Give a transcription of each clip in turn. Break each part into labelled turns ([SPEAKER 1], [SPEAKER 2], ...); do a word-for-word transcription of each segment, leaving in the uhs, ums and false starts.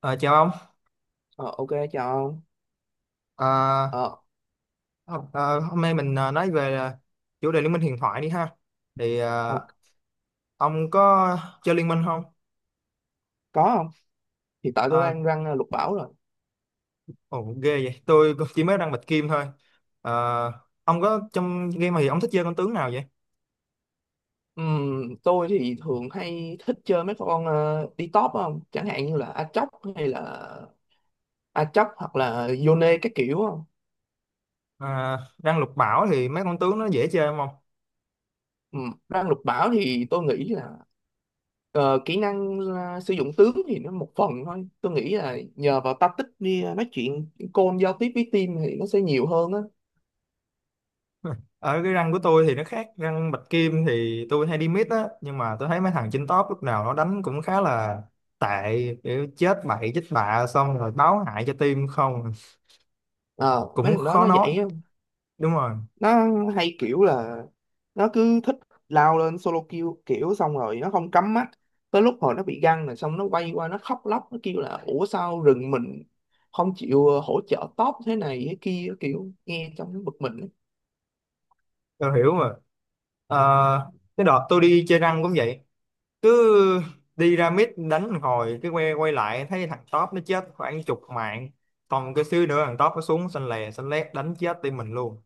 [SPEAKER 1] Ờ, Chào ông.
[SPEAKER 2] Ờ, ok, chào ông.
[SPEAKER 1] Ờ,
[SPEAKER 2] Ờ,
[SPEAKER 1] hôm ờ, Hôm nay mình ờ, nói về ờ, chủ đề Liên minh huyền thoại đi ha. Thì
[SPEAKER 2] ờ,
[SPEAKER 1] ờ, ông có chơi Liên minh không?
[SPEAKER 2] có không? Hiện tại tôi
[SPEAKER 1] Ờ,
[SPEAKER 2] đang răng ờ, lục bảo rồi.
[SPEAKER 1] Ồ, ghê vậy, tôi cũng chỉ mới đang bạch kim thôi. Ờ, ông có trong game thì ông thích chơi con tướng nào vậy?
[SPEAKER 2] Ừm, tôi thì thường hay thích chơi mấy con ờ, đi top không? Chẳng hạn như là Aatrox hay là Aatrox hoặc là Yone các kiểu không?
[SPEAKER 1] Ờ, Răng lục bảo thì mấy con tướng nó dễ chơi không ông?
[SPEAKER 2] Ừm, răng lục bảo thì tôi nghĩ là ờ, kỹ năng ờ, sử dụng tướng thì nó một phần thôi. Tôi nghĩ là nhờ vào tactics đi ờ, nói chuyện call giao tiếp với team thì nó sẽ nhiều hơn á.
[SPEAKER 1] Ở cái răng của tôi thì nó khác, răng bạch kim thì tôi hay đi mid á, nhưng mà tôi thấy mấy thằng trên top lúc nào nó đánh cũng khá là tệ, kiểu chết bậy chết bạ xong rồi báo hại cho team. Không
[SPEAKER 2] Ờ, mấy
[SPEAKER 1] cũng
[SPEAKER 2] thằng đó
[SPEAKER 1] khó
[SPEAKER 2] nó
[SPEAKER 1] nói.
[SPEAKER 2] vậy á.
[SPEAKER 1] Đúng rồi,
[SPEAKER 2] Nó hay kiểu là nó cứ thích lao lên solo kill kiểu xong rồi nó không cắm mắt, tới lúc hồi nó bị găng rồi xong nó quay qua nó khóc lóc nó kêu là ủa sao rừng mình không chịu ờ, hỗ trợ top thế này thế kia, kiểu nghe trong nó bực mình ấy.
[SPEAKER 1] tôi hiểu mà. Ờ, cái đợt tôi đi chơi răng cũng vậy, cứ đi ra mid đánh một hồi cái quay quay lại thấy thằng top nó chết khoảng chục mạng, còn cái xíu nữa thằng top nó xuống xanh lè xanh lét đánh chết team mình luôn.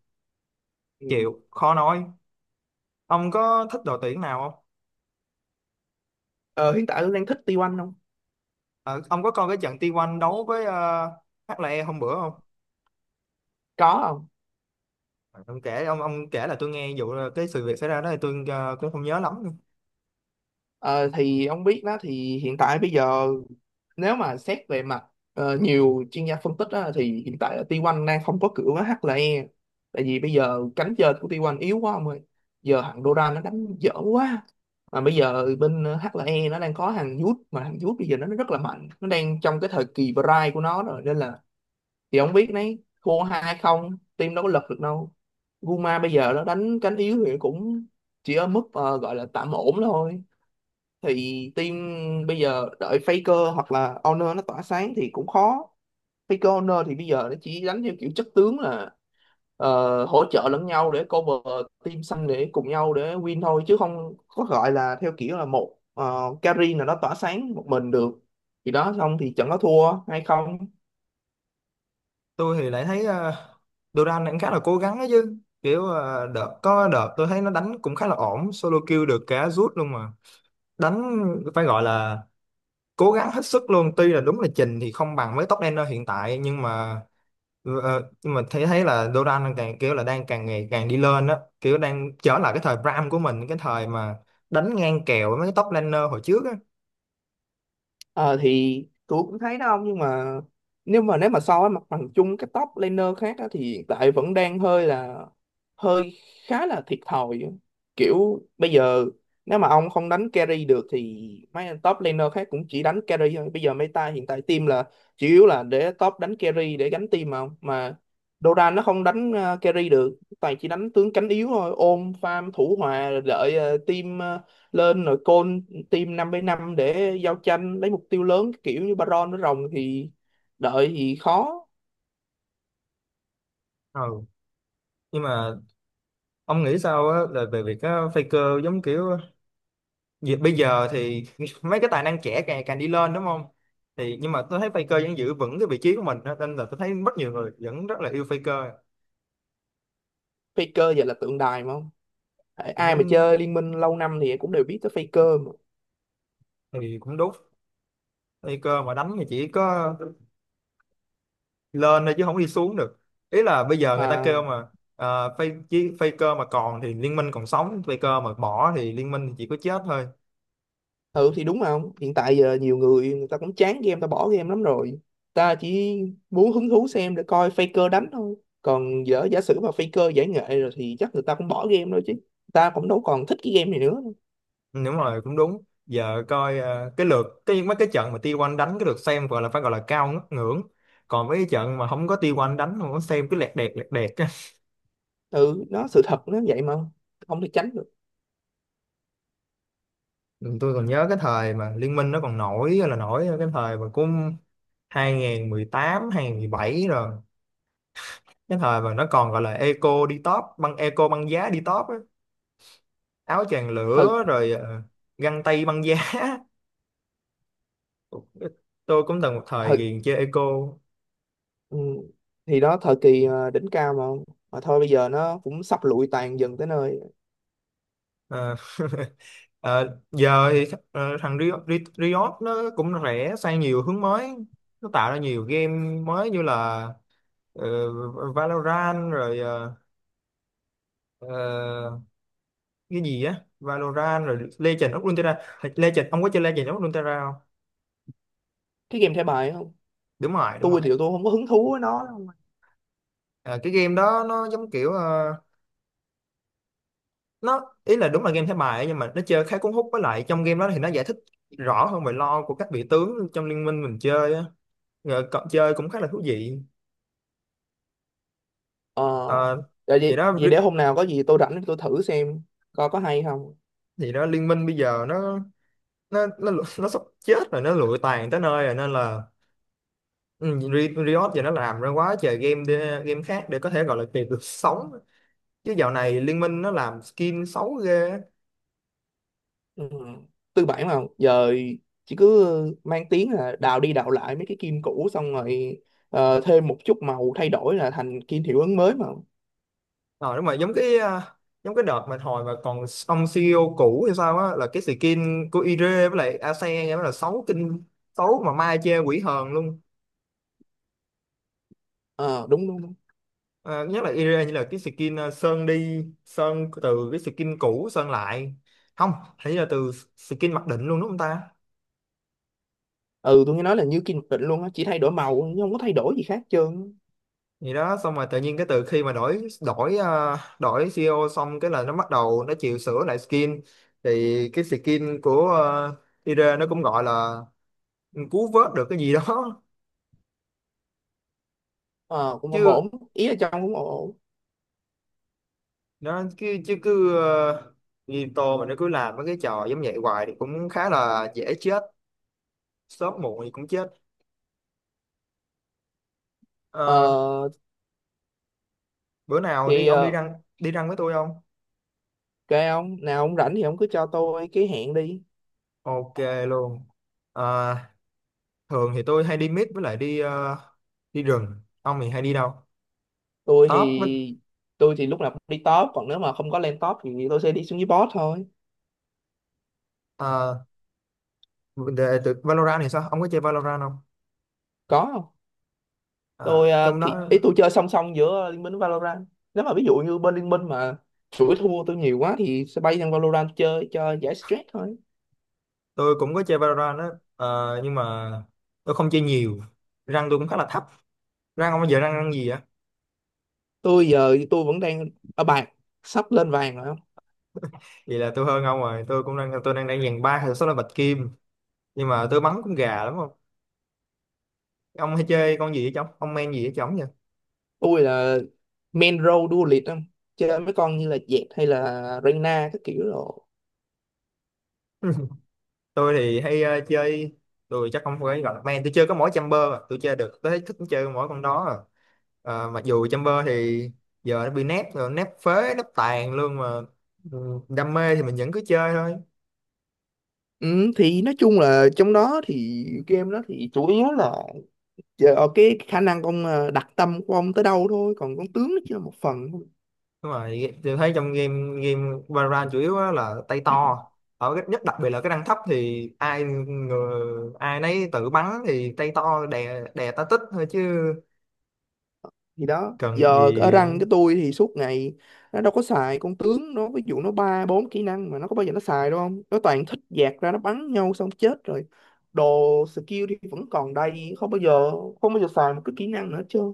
[SPEAKER 2] Ừ.
[SPEAKER 1] Chịu khó nói. Ông có thích đội tuyển nào không?
[SPEAKER 2] ờ, Hiện tại Hương đang thích T một không.
[SPEAKER 1] Ờ, ông có coi cái trận T một đấu với uh, hát lờ e hôm bữa không?
[SPEAKER 2] Có không.
[SPEAKER 1] Ờ, ông kể, ông ông kể là tôi nghe vụ ờ, cái sự việc xảy ra đó, thì tôi ờ, cũng không nhớ lắm.
[SPEAKER 2] Ờ, thì ông biết đó, thì hiện tại bây giờ nếu mà xét về mặt ờ, nhiều chuyên gia phân tích á, thì hiện tại là T một đang không có cửa với hát lờ e, tại vì bây giờ cánh trên của T một yếu quá ông ơi. Giờ thằng Doran nó đánh dở quá, mà bây giờ bên hát lờ e nó đang có thằng Youth, mà thằng Youth bây giờ nó nó rất là mạnh, nó đang trong cái thời kỳ prime của nó rồi nên là thì ông biết đấy, thua hai không team đâu có lật được đâu. Guma bây giờ nó đánh cánh yếu thì cũng chỉ ở mức ờ, gọi là tạm ổn thôi. Thì team bây giờ đợi Faker hoặc là Honor nó tỏa sáng thì cũng khó. Faker Honor thì bây giờ nó chỉ đánh theo kiểu chất tướng là ờ, hỗ trợ lẫn nhau để cover team xanh để cùng nhau để win thôi, chứ không có gọi là theo kiểu là một ờ, carry nào đó tỏa sáng một mình được. Thì đó, xong thì trận nó thua hay không.
[SPEAKER 1] Tôi thì lại thấy uh, Duran cũng khá là cố gắng ấy chứ, kiểu ờ, đợt có đợt tôi thấy nó đánh cũng khá là ổn, solo kill được cả rút luôn mà. Đánh phải gọi là cố gắng hết sức luôn, tuy là đúng là trình thì không bằng với top laner hiện tại, nhưng mà ờ, ờ, nhưng mà thấy thấy là Duran càng kiểu là đang càng ngày càng đi lên á, kiểu đang trở lại cái thời Bram của mình, cái thời mà đánh ngang kèo với mấy cái top laner hồi trước á.
[SPEAKER 2] Ờ thì tôi cũng thấy đó ông, nhưng mà nếu mà nếu mà so với mặt bằng chung các top laner khác á, thì hiện tại vẫn đang hơi là hơi khá là thiệt thòi. Kiểu bây giờ nếu mà ông không đánh carry được thì mấy anh top laner khác cũng chỉ đánh carry thôi. Bây giờ meta hiện tại team là chủ yếu là để top đánh carry để gánh team mà ông. Mà Doran nó không đánh ờ, carry được, toàn chỉ đánh tướng cánh yếu thôi, ôm farm thủ hòa rồi đợi ờ, team ờ, lên rồi call team năm với năm để giao tranh lấy mục tiêu lớn kiểu như Baron với Rồng, thì đợi thì khó.
[SPEAKER 1] Ừ, nhưng mà ông nghĩ sao á, là về việc á, Faker giống kiểu, vì bây giờ thì mấy cái tài năng trẻ càng càng đi lên đúng không? Thì nhưng mà tôi thấy Faker vẫn giữ vững cái vị trí của mình á, nên là tôi thấy rất nhiều người vẫn rất là yêu Faker.
[SPEAKER 2] Faker giờ là tượng đài mà không. Tại ai mà
[SPEAKER 1] Cũng
[SPEAKER 2] chơi Liên Minh lâu năm thì cũng đều biết tới Faker mà.
[SPEAKER 1] thì cũng đúng, Faker mà đánh thì chỉ có lên thôi chứ không đi xuống được. Ý là bây giờ người ta kêu
[SPEAKER 2] Mà
[SPEAKER 1] mà, uh, Faker mà còn thì liên minh còn sống, Faker mà bỏ thì liên minh thì chỉ có chết thôi.
[SPEAKER 2] thử thì đúng không, hiện tại giờ nhiều người người ta cũng chán game, ta bỏ game lắm rồi, ta chỉ muốn hứng thú xem để coi Faker đánh thôi. Còn giờ giả sử mà Faker giải nghệ rồi thì chắc người ta cũng bỏ game thôi chứ, ta cũng đâu còn thích cái game này nữa.
[SPEAKER 1] Ừ, đúng rồi, cũng đúng, giờ coi ờ, cái lượt cái mấy cái trận mà T một đánh cái lượt xem gọi là phải gọi là cao ngất ngưỡng, còn mấy cái trận mà không có T một đánh không có xem, cứ lẹt đẹt lẹt đẹt á.
[SPEAKER 2] Ừ nó sự thật nó vậy mà, không thể tránh được.
[SPEAKER 1] Ừ, tôi còn nhớ cái thời mà Liên minh nó còn nổi là nổi, cái thời mà cũng hai không một tám bảy rồi, cái thời mà nó còn gọi là eco đi top, băng eco băng giá đi top á, áo choàng
[SPEAKER 2] Thời
[SPEAKER 1] lửa rồi ờ, găng tay băng giá. Tôi cũng từng một thời
[SPEAKER 2] thời
[SPEAKER 1] ghiền chơi eco.
[SPEAKER 2] Ừ. Thì đó thời kỳ ờ, đỉnh cao mà không? Mà thôi bây giờ nó cũng sắp lụi tàn dần tới nơi.
[SPEAKER 1] Ờ. Ờ, Giờ thì th- ờ, thằng Riot, Ri- Riot nó cũng rẽ sang nhiều hướng mới, nó tạo ra nhiều game mới như là ờ, Valorant, rồi ờ, ờ, cái gì á, Valorant rồi Legend of Runeterra. Thật- Legend, ông có chơi Legend of Runeterra không?
[SPEAKER 2] Cái game thẻ bài không?
[SPEAKER 1] Đúng rồi, đúng rồi.
[SPEAKER 2] Tôi thì tôi không có hứng thú với nó đâu.
[SPEAKER 1] Ờ, cái game đó nó giống kiểu ờ, nó ý là đúng là game thẻ bài ấy, nhưng mà nó chơi khá cuốn hút, với lại trong game đó thì nó giải thích rõ hơn về lore của các vị tướng trong liên minh mình chơi á, rồi cậu chơi cũng khá là thú vị.
[SPEAKER 2] Ờ.
[SPEAKER 1] Ờ,
[SPEAKER 2] Vậy,
[SPEAKER 1] thì
[SPEAKER 2] vậy
[SPEAKER 1] đó,
[SPEAKER 2] vậy để hôm nào có gì tôi rảnh tôi thử xem coi có hay không.
[SPEAKER 1] thì đó, liên minh bây giờ nó nó nó nó sắp chết rồi, nó lụi tàn tới nơi rồi, nên là ừ, Ri- Riot giờ nó làm ra quá trời game để, game khác để có thể gọi là kịp được sống, chứ dạo này liên minh nó làm skin xấu ghê.
[SPEAKER 2] Ừ. Tư bản mà. Giờ chỉ cứ mang tiếng là đào đi đào lại mấy cái kim cũ xong rồi ờ, thêm một chút màu thay đổi là thành kim hiệu ứng mới mà.
[SPEAKER 1] Rồi đúng rồi, giống cái à, giống cái đợt mà hồi mà còn ông si i âu cũ hay sao á, là cái skin của Ire với lại Ase nghe mới là xấu kinh, xấu mà mai chê quỷ hờn luôn.
[SPEAKER 2] Ờ đúng đúng đúng.
[SPEAKER 1] À, nhất là area, như là cái skin ờ, sơn đi sơn từ cái skin cũ sơn lại không, hình như là từ skin mặc định luôn đúng không ta,
[SPEAKER 2] Ừ tôi nghe nói là như kim định luôn á, chỉ thay đổi màu chứ không có thay đổi gì khác hết trơn á.
[SPEAKER 1] gì đó, xong rồi tự nhiên cái từ khi mà đổi đổi ờ, đổi xê e ô xong cái là nó bắt đầu nó chịu sửa lại skin, thì cái skin của ờ, area nó cũng gọi là cứu vớt được cái gì đó.
[SPEAKER 2] Ờ, cũng không ổn,
[SPEAKER 1] Chứ
[SPEAKER 2] ý là trong cũng ổn.
[SPEAKER 1] nó chứ, chứ cứ ờ, như mà nó cứ làm mấy cái trò giống vậy hoài thì cũng khá là dễ chết, sớm muộn thì cũng chết. Ờ,
[SPEAKER 2] Ờ,
[SPEAKER 1] Bữa nào đi
[SPEAKER 2] thì
[SPEAKER 1] ông, đi
[SPEAKER 2] ờ,
[SPEAKER 1] răng, đi răng với tôi không?
[SPEAKER 2] kệ ông nào ông rảnh thì ông cứ cho tôi cái hẹn đi.
[SPEAKER 1] Ok luôn. À, thường thì tôi hay đi mít, với lại đi ờ, đi rừng, ông thì hay đi đâu,
[SPEAKER 2] tôi
[SPEAKER 1] top với?
[SPEAKER 2] thì tôi thì lúc nào cũng đi top, còn nếu mà không có lên top thì tôi sẽ đi xuống dưới bot thôi.
[SPEAKER 1] À, về từ Valorant thì sao, ông có chơi Valorant không?
[SPEAKER 2] Có không. Tôi
[SPEAKER 1] À,
[SPEAKER 2] ờ,
[SPEAKER 1] trong đó
[SPEAKER 2] thì ý tôi chơi song song giữa Liên Minh với Valorant, nếu mà ví dụ như bên Liên Minh mà chuỗi thua tôi nhiều quá thì sẽ bay sang Valorant chơi cho giải stress thôi.
[SPEAKER 1] tôi cũng có chơi Valorant đó. Ờ, nhưng mà tôi không chơi nhiều, răng tôi cũng khá là thấp. Răng ông bây giờ răng răng gì vậy?
[SPEAKER 2] Tôi giờ tôi vẫn đang ở bạc, sắp lên vàng rồi.
[SPEAKER 1] Vậy là tôi hơn ông rồi, tôi cũng đang, tôi đang đang dàn ba hay số là bạch kim, nhưng mà tôi bắn cũng gà lắm không. Ông hay chơi con gì vậy chồng, ông men gì vậy chồng vậy?
[SPEAKER 2] Tôi là main role đua liệt không, chơi mấy con như là Jett hay là Reyna các kiểu rồi.
[SPEAKER 1] Tôi thì hay ờ, chơi, tôi chắc không phải gọi là main, tôi chơi có mỗi Chamber à, tôi chơi được, tôi thấy thích chơi mỗi con đó à. Ờ, mặc dù Chamber thì giờ nó bị nép rồi, nép phế nép tàn luôn mà ừ, đam mê thì mình vẫn cứ chơi thôi.
[SPEAKER 2] Ừ, thì nói chung là trong đó thì game đó thì chủ yếu là chờ ở cái khả năng ông ờ, đặt tâm của ông tới đâu thôi, còn con tướng nó chỉ là một phần thôi.
[SPEAKER 1] Đúng rồi, tôi thấy trong game game Valorant chủ yếu á là tay to, ở cái, nhất đặc biệt là cái rank thấp thì ai người, ai nấy tự bắn thì tay to đè đè tá tích thôi, chứ
[SPEAKER 2] Thì đó
[SPEAKER 1] cần
[SPEAKER 2] giờ ở
[SPEAKER 1] gì.
[SPEAKER 2] rank, cái tôi thì suốt ngày nó đâu có xài con tướng, nó ví dụ nó ba bốn kỹ năng mà nó có bao giờ nó xài đâu không, nó toàn thích dạt ra nó bắn nhau xong chết rồi, đồ skill thì vẫn còn đầy, không bao giờ không bao giờ xài một cái kỹ năng nữa chứ.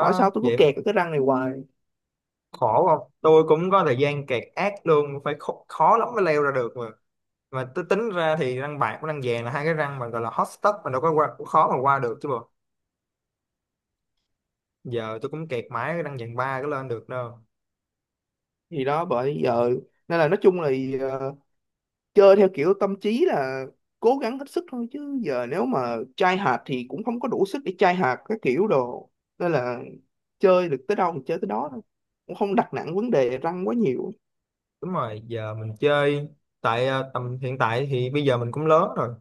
[SPEAKER 2] Hỏi sao tôi cứ
[SPEAKER 1] vậy.
[SPEAKER 2] kẹt ở cái răng này hoài.
[SPEAKER 1] Khổ không, tôi cũng có thời gian kẹt ác luôn, phải khó, khó lắm mới leo ra được mà. Mà tôi tính ra thì răng bạc với răng vàng là hai cái răng mà gọi là hot stuff, mà đâu có qua, cũng khó mà qua được chứ bộ, giờ tôi cũng kẹt mãi cái răng vàng ba cái lên được đâu.
[SPEAKER 2] Thì đó bởi giờ nên là nói chung là ờ, chơi theo kiểu tâm trí là cố gắng hết sức thôi, chứ giờ nếu mà chai hạt thì cũng không có đủ sức để chai hạt các kiểu đồ, nên là chơi được tới đâu thì chơi tới đó thôi, cũng không đặt nặng vấn đề răng quá nhiều.
[SPEAKER 1] Đúng rồi, giờ mình chơi tại ờ, tầm hiện tại thì bây giờ mình cũng lớn rồi,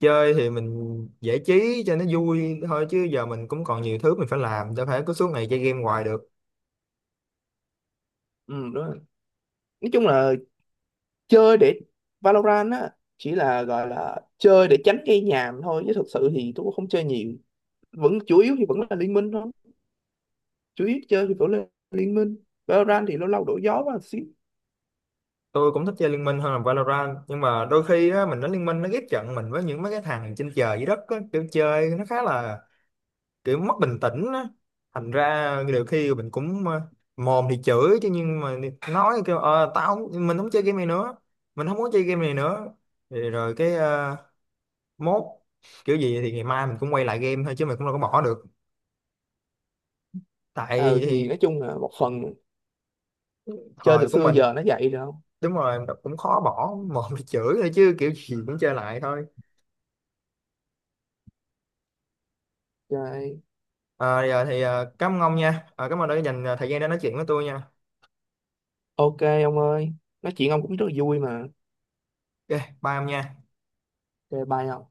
[SPEAKER 1] chơi thì mình giải trí cho nó vui thôi, chứ giờ mình cũng còn nhiều thứ mình phải làm, đâu phải cứ suốt ngày chơi game hoài được.
[SPEAKER 2] Ừ đúng rồi. Nói chung là chơi để Valorant á chỉ là gọi là chơi để tránh gây nhàm thôi, chứ thực sự thì tôi cũng không chơi nhiều, vẫn chủ yếu thì vẫn là liên minh thôi. Chủ yếu chơi thì vẫn là liên minh, Valorant thì lâu lâu đổi gió và một xíu.
[SPEAKER 1] Tôi cũng thích chơi Liên Minh hơn là Valorant, nhưng mà đôi khi á, mình đánh Liên Minh nó ghép trận mình với những mấy cái thằng trên trời dưới đất á, kiểu chơi nó khá là kiểu mất bình tĩnh á, thành ra nhiều khi mình cũng ờ, mồm thì chửi chứ, nhưng mà nói kêu ờ tao không, mình không chơi game này nữa, mình không muốn chơi game này nữa, thì rồi cái ờ, mốt, kiểu gì thì ngày mai mình cũng quay lại game thôi, chứ mình cũng đâu có bỏ được, tại
[SPEAKER 2] Ờ
[SPEAKER 1] thì
[SPEAKER 2] thì nói chung là một phần chơi từ
[SPEAKER 1] thời của
[SPEAKER 2] xưa
[SPEAKER 1] mình.
[SPEAKER 2] giờ nó vậy rồi không.
[SPEAKER 1] Đúng rồi, cũng khó bỏ, mồm thì chửi thôi chứ kiểu gì cũng chơi lại thôi. À, giờ thì à, cảm ơn ông nha. À, cảm ơn đã dành à, thời gian để nói chuyện với tôi nha.
[SPEAKER 2] Ok ông ơi, nói chuyện ông cũng rất là vui mà.
[SPEAKER 1] Ok, bye ông nha.
[SPEAKER 2] Chơi bye ông.